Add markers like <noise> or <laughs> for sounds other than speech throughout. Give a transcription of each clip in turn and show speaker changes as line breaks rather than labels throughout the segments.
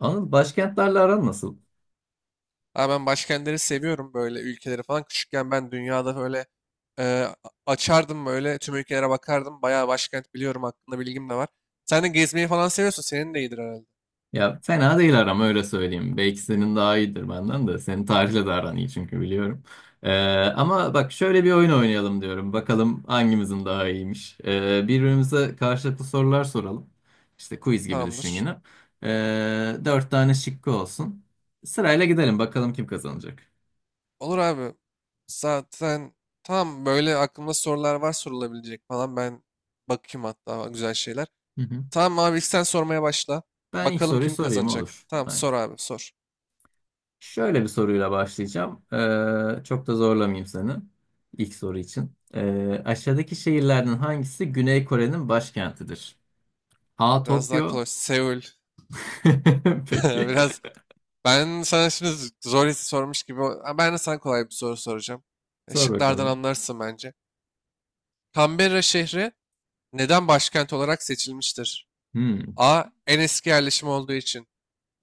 Anıl, başkentlerle aran nasıl?
Abi ben başkentleri seviyorum böyle ülkeleri falan. Küçükken ben dünyada böyle e, açardım böyle tüm ülkelere bakardım. Bayağı başkent biliyorum, hakkında bilgim de var. Sen de gezmeyi falan seviyorsun. Senin de iyidir herhalde.
Ya fena değil aram, öyle söyleyeyim. Belki senin daha iyidir benden de. Senin tarihle de aran iyi, çünkü biliyorum. Ee, Ama bak, şöyle bir oyun oynayalım diyorum. Bakalım hangimizin daha iyiymiş. Birbirimize karşılıklı sorular soralım. İşte quiz gibi düşün
Tamamdır.
yine. Dört tane şıkkı olsun. Sırayla gidelim, bakalım kim kazanacak.
Olur abi. Zaten tam böyle aklımda sorular var sorulabilecek falan. Ben bakayım hatta güzel şeyler.
Hı hı.
Tamam abi, ilk sen sormaya başla.
Ben ilk
Bakalım
soruyu
kim
sorayım,
kazanacak.
olur.
Tamam
Aynen.
sor abi sor.
Şöyle bir soruyla başlayacağım. Çok da zorlamayayım seni ilk soru için. Aşağıdaki şehirlerden hangisi Güney Kore'nin başkentidir? A.
Biraz daha
Tokyo.
kolay. Seul.
<laughs>
<laughs>
Peki.
Biraz ben sana şimdi zor his sormuş gibi. Ha, ben de sana kolay bir soru soracağım.
Sor
Şıklardan
bakalım.
anlarsın bence. Canberra şehri neden başkent olarak seçilmiştir?
Hmm.
A. En eski yerleşim olduğu için.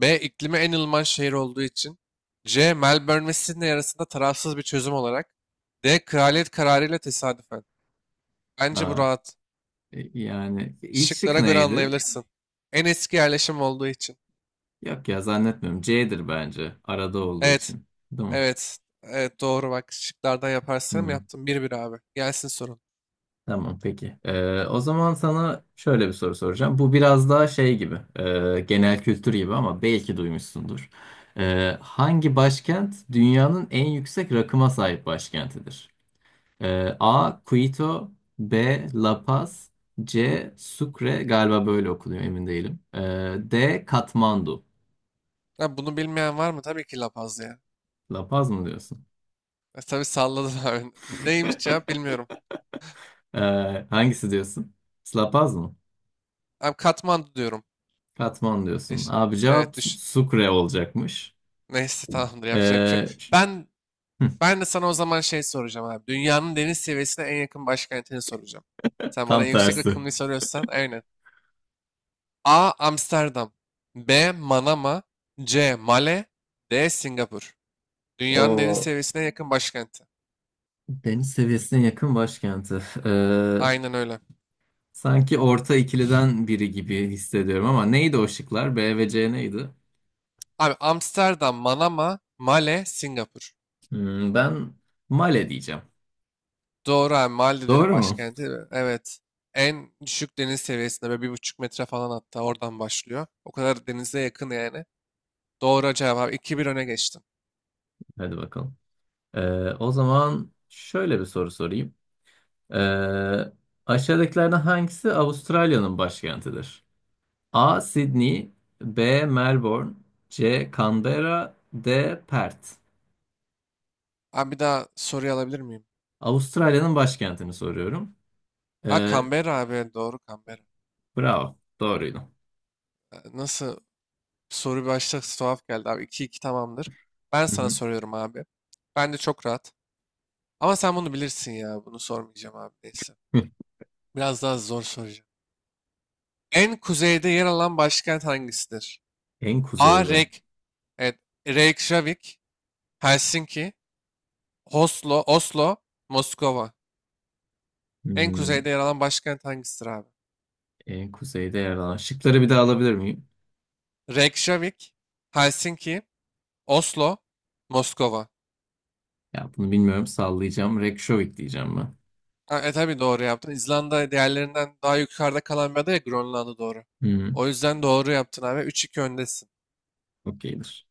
B. İklimi en ılıman şehir olduğu için. C. Melbourne ve Sydney arasında tarafsız bir çözüm olarak. D. Kraliyet kararıyla tesadüfen. Bence bu
A.
rahat.
E, yani ilk şık
Şıklara göre
neydi?
anlayabilirsin. En eski yerleşim olduğu için.
Yok ya, zannetmiyorum. C'dir bence. Arada olduğu
Evet.
için. Değil mi?
Evet. Evet doğru bak. Şıklardan yaparsam
Hmm.
yaptım. 1-1 abi. Gelsin sorun.
Tamam, peki. O zaman sana şöyle bir soru soracağım. Bu biraz daha şey gibi, genel kültür gibi, ama belki duymuşsundur. Hangi başkent dünyanın en yüksek rakıma sahip başkentidir? A. Quito. B. La Paz. C. Sucre, galiba böyle okunuyor, emin değilim. D. Katmandu.
Ha, bunu bilmeyen var mı? Tabii ki La Paz ya.
La Paz mı diyorsun?
Tabii salladı daha <laughs> Neymiş cevap bilmiyorum.
Ee, Hangisi diyorsun? La Paz mı?
Abi Katmandu diyorum.
Katmandu diyorsun.
Eş-
Abi, cevap
Evet düş.
Sucre olacakmış.
<laughs> Neyse tamamdır, yapacak bir şey yok.
Ee,
Ben ben de sana o zaman şey soracağım abi. Dünyanın deniz seviyesine en yakın başkentini soracağım. Sen bana
Tam
en yüksek
tersi.
rakımını soruyorsan, aynen. A. Amsterdam. B. Manama. C. Male. D. Singapur. Dünyanın deniz
O
seviyesine en yakın başkenti.
deniz seviyesine yakın başkenti.
Aynen öyle.
Sanki orta ikiliden biri gibi hissediyorum, ama neydi o şıklar? B ve C neydi?
Abi Amsterdam, Manama, Male, Singapur.
Hmm, ben Male diyeceğim.
Doğru abi, Maldivlerin
Doğru mu?
başkenti. Ve evet. En düşük deniz seviyesinde böyle 1,5 metre falan, hatta oradan başlıyor. O kadar denize yakın yani. Doğru cevap abi. 2-1 öne geçtin.
Hadi bakalım. Ee, O zaman şöyle bir soru sorayım. Ee, Aşağıdakilerden hangisi Avustralya'nın başkentidir? A. Sydney. B. Melbourne. C. Canberra. D. Perth.
Abi bir daha soruyu alabilir miyim?
Avustralya'nın başkentini soruyorum.
Ha,
Ee,
Canberra abi. Doğru, Canberra.
Bravo. Doğruydu.
Nasıl, soru başta tuhaf geldi abi. 2-2, tamamdır. Ben
Hı
sana
hı.
soruyorum abi. Ben de çok rahat. Ama sen bunu bilirsin ya. Bunu sormayacağım abi, neyse.
Hı.
Biraz daha zor soracağım. En kuzeyde yer alan başkent hangisidir?
En
A.
kuzeyde.
Reyk. Evet. Reykjavik. Helsinki, Oslo, Oslo, Moskova. En
Hmm,
kuzeyde yer alan başkent hangisidir abi?
en kuzeyde yer alan. Şıkları bir daha alabilir miyim?
Reykjavik, Helsinki, Oslo, Moskova.
Ya bunu bilmiyorum. Sallayacağım. Reykjavik diyeceğim ben.
Ha, e tabii doğru yaptın. İzlanda diğerlerinden daha yukarıda kalan bir ada ya, Grönland'a doğru.
Hı hı.
O yüzden doğru yaptın abi. 3-2 öndesin.
Okeydir.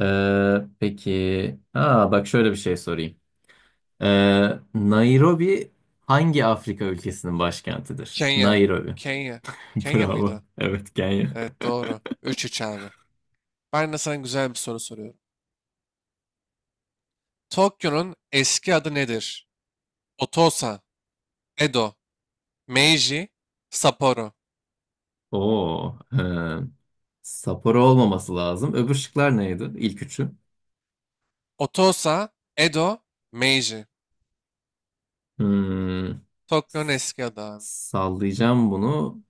Peki. Aa, bak şöyle bir şey sorayım. Ee, Nairobi hangi Afrika ülkesinin başkentidir?
Kenya.
Nairobi.
Kenya.
<laughs>
Kenya
Bravo.
mıydı?
Evet, Kenya.
Evet,
<laughs>
doğru. 3-3 abi. Ben de sana güzel bir soru soruyorum. Tokyo'nun eski adı nedir? Otosa, Edo, Meiji, Sapporo.
Oo. Sapporo olmaması lazım. Öbür şıklar neydi? İlk üçü.
Otosa, Edo, Meiji.
Hmm,
Tokyo'nun eski adı abi.
sallayacağım bunu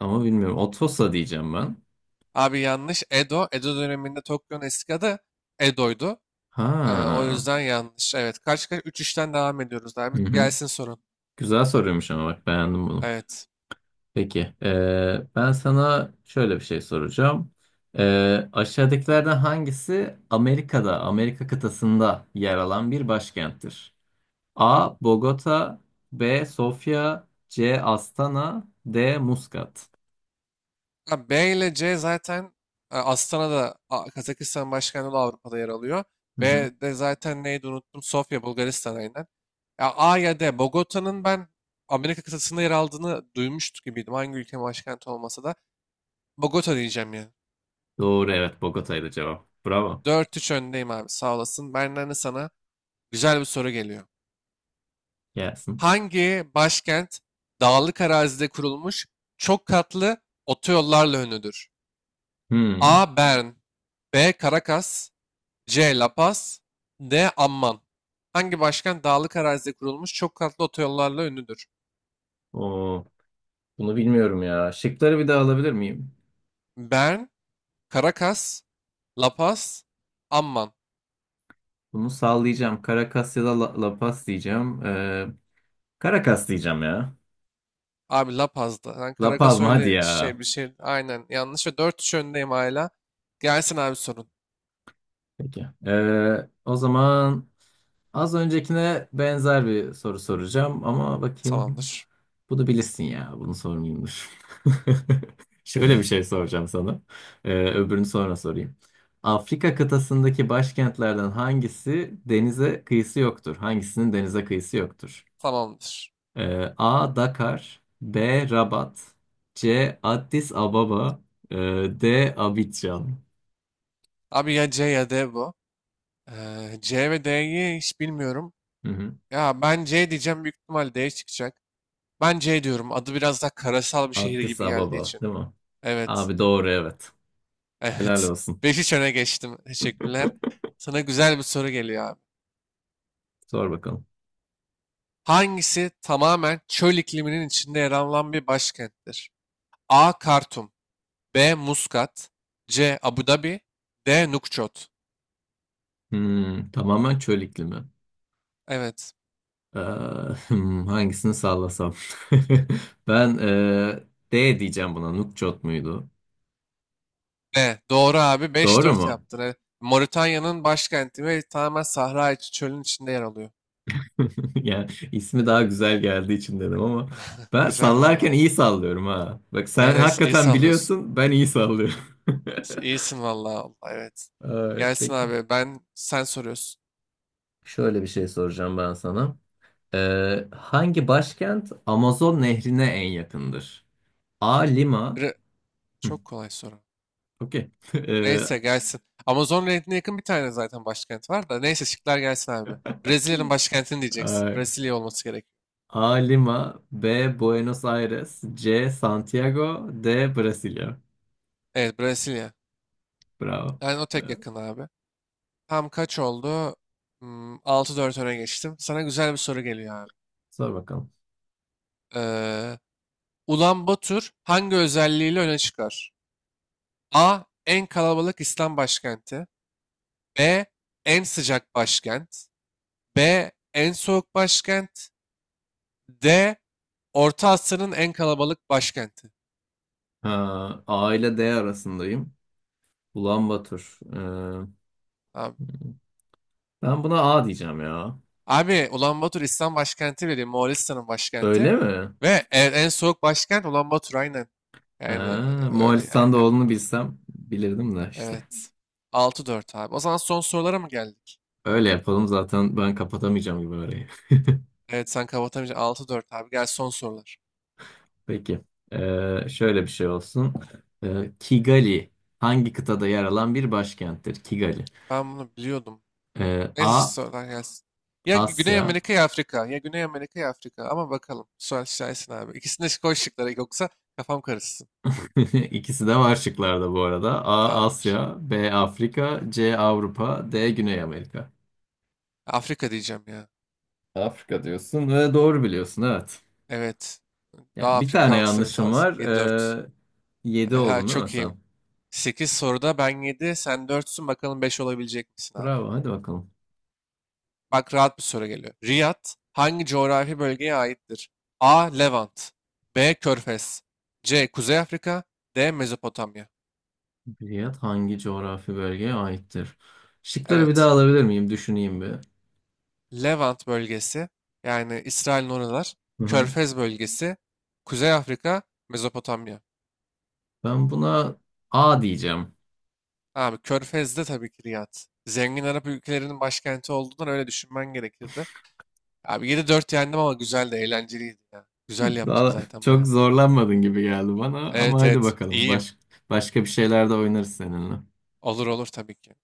ama bilmiyorum. Otosa diyeceğim ben.
Abi, yanlış. Edo. Edo döneminde Tokyo'nun eski adı Edo'ydu. O
Ha.
yüzden yanlış. Evet. Kaç kaç? 3'ten devam ediyoruz abi.
Hı hı.
Gelsin sorun.
Güzel soruyormuş, ama bak beğendim bunu.
Evet.
Peki. Ben sana şöyle bir şey soracağım. Aşağıdakilerden hangisi Amerika'da, Amerika kıtasında yer alan bir başkenttir? A. Bogota. B. Sofya. C. Astana. D. Muscat.
Ha, B ile C zaten, Astana'da, Kazakistan başkenti olan, Avrupa'da yer alıyor.
Hı
B
hı.
de zaten neydi, unuttum. Sofya, Bulgaristan'a inen. Ya A ya D. Bogota'nın ben Amerika kıtasında yer aldığını duymuştuk gibiydim. Hangi ülkenin başkenti olmasa da. Bogota diyeceğim ya.
Doğru, evet, Bogota'ydı cevap. Bravo.
Dört üç öndeyim abi, sağ olasın. Benden de sana güzel bir soru geliyor.
Gelsin.
Hangi başkent dağlık arazide kurulmuş çok katlı otoyollarla ünlüdür?
Hmm.
A. Bern. B. Caracas. C. La Paz. D. Amman. Hangi başkent dağlık arazide kurulmuş çok katlı otoyollarla ünlüdür?
Oo, bunu bilmiyorum ya. Şıkları bir daha alabilir miyim?
Bern, Caracas, La Paz, Amman.
Bunu sallayacağım. Caracas ya da La Paz diyeceğim. Caracas diyeceğim ya.
Abi La Paz'da. Ben
La Paz
Caracas
mı? Hadi
öyle
ya.
şey, bir şey. Aynen yanlış ve dört üç öndeyim hala. Gelsin abi sorun.
Peki. O zaman az öncekine benzer bir soru soracağım, ama bakayım.
Tamamdır.
Bunu bilirsin ya. Bunu sormayayım, dur. <laughs> Şöyle bir şey soracağım sana. Öbürünü sonra sorayım. Afrika kıtasındaki başkentlerden hangisi denize kıyısı yoktur? Hangisinin denize kıyısı yoktur?
Tamamdır.
A. Dakar. B. Rabat. C. Addis Ababa. ee, D. Abidjan.
Abi ya C ya D bu. C ve D'yi hiç bilmiyorum.
Hı hı.
Ya ben C diyeceğim, büyük ihtimal D çıkacak. Ben C diyorum. Adı biraz daha karasal bir şehir
Addis
gibi geldiği
Ababa
için.
değil mi?
Evet.
Abi, doğru, evet. Helal
Evet. <laughs>
olsun.
5-3 öne geçtim. Teşekkürler. Sana güzel bir soru geliyor abi.
Sor bakalım.
Hangisi tamamen çöl ikliminin içinde yer alan bir başkenttir? A. Kartum. B. Muskat. C. Abu Dhabi. D. Nukçot.
Hmm, tamamen çöl iklimi.
Evet.
Ee, <laughs> hmm, hangisini sallasam? <laughs> Ben D diyeceğim buna. Nukçot muydu?
Ve doğru abi, beş
Doğru
dört
mu?
yaptın. Evet. Moritanya'nın başkenti ve tamamen sahra içi çölün içinde yer alıyor.
<laughs> Yani ismi daha güzel geldiği için dedim, ama ben
Güzel
sallarken
valla.
iyi sallıyorum ha. Bak,
Evet,
sen
evet, iyi
hakikaten
sallıyorsun.
biliyorsun, ben iyi sallıyorum. <laughs>
İyisin valla. Valla, evet.
Ay,
Gelsin
peki.
abi. Ben sen soruyorsun.
Şöyle bir şey soracağım ben sana. Hangi başkent Amazon nehrine en yakındır? A. Lima.
Biri çok kolay soru.
Okey. <laughs>
Neyse gelsin. Amazon Nehri'ne yakın bir tane zaten başkent var da. Neyse şıklar gelsin abi. Brezilya'nın başkentini diyeceksin.
Ay,
Brezilya olması gerekiyor.
A. Lima. B. Buenos Aires. C. Santiago. D. Brasilia.
Evet, Brezilya.
Bravo.
Yani o tek
Bravo.
yakın abi. Tam kaç oldu? Hmm, 6-4 öne geçtim. Sana güzel bir soru geliyor abi.
Sor bakalım.
Ee, Ulanbatur hangi özelliğiyle öne çıkar? A. En kalabalık İslam başkenti. B. En sıcak başkent. B. En soğuk başkent. D. Orta Asya'nın en kalabalık başkenti.
Ha, A ile D arasındayım. Ulanbatur.
Abi,
Ben buna A diyeceğim ya.
abi, Ulanbator İslam başkenti bile değil, Moğolistan'ın başkenti.
Öyle mi?
Ve en soğuk başkent Ulanbator, aynen. Yani
Ha,
öyle
Moğolistan'da
yani,
olduğunu bilsem bilirdim de, işte.
evet. 6-4 abi. O zaman son sorulara mı geldik?
Öyle yapalım, zaten ben kapatamayacağım gibi orayı.
Evet, sen kapatamayacaksın. 6-4 abi. Gel son sorular.
<laughs> Peki. Şöyle bir şey olsun. Kigali hangi kıtada yer alan bir başkenttir? Kigali.
Ben bunu biliyordum. Neyse
A.
sorular gelsin. Ya Güney
Asya.
Amerika ya Afrika. Ya Güney Amerika ya Afrika. Ama bakalım. Sual şahisin abi. İkisini de koy şıklara. Yoksa kafam karışsın.
<laughs> İkisi de var şıklarda bu arada. A.
Tamamdır.
Asya, B. Afrika, C. Avrupa, D. Güney Amerika.
Afrika diyeceğim ya.
Afrika diyorsun ve doğru biliyorsun, evet.
Evet. Daha
Yani bir tane
Afrikansı bir
yanlışım
tarz.
var.
7-4.
7
Ha,
oldun değil mi
çok iyiyim.
sen?
Sekiz soruda ben 7 sen 4'sün. Bakalım 5 olabilecek misin abi?
Bravo, hadi bakalım.
Bak, rahat bir soru geliyor. Riyad hangi coğrafi bölgeye aittir? A. Levant. B. Körfez. C. Kuzey Afrika. D. Mezopotamya.
Riyad hangi coğrafi bölgeye aittir? Şıkları bir daha
Evet.
alabilir miyim? Düşüneyim bir.
Levant bölgesi, yani İsrail'in oralar,
Hı hı.
Körfez bölgesi, Kuzey Afrika, Mezopotamya.
Ben buna A diyeceğim.
Abi Körfez'de tabii ki Riyad. Zengin Arap ülkelerinin başkenti olduğundan öyle düşünmen gerekirdi. Abi, yedi dört yendim, ama güzel de eğlenceliydi ya. Güzel
<laughs>
yaptım
Daha
zaten
çok
bayağı.
zorlanmadın gibi geldi bana, ama
Evet
hadi
evet
bakalım.
iyiyim.
Baş, başka bir şeyler de oynarız seninle.
Olur olur tabii ki.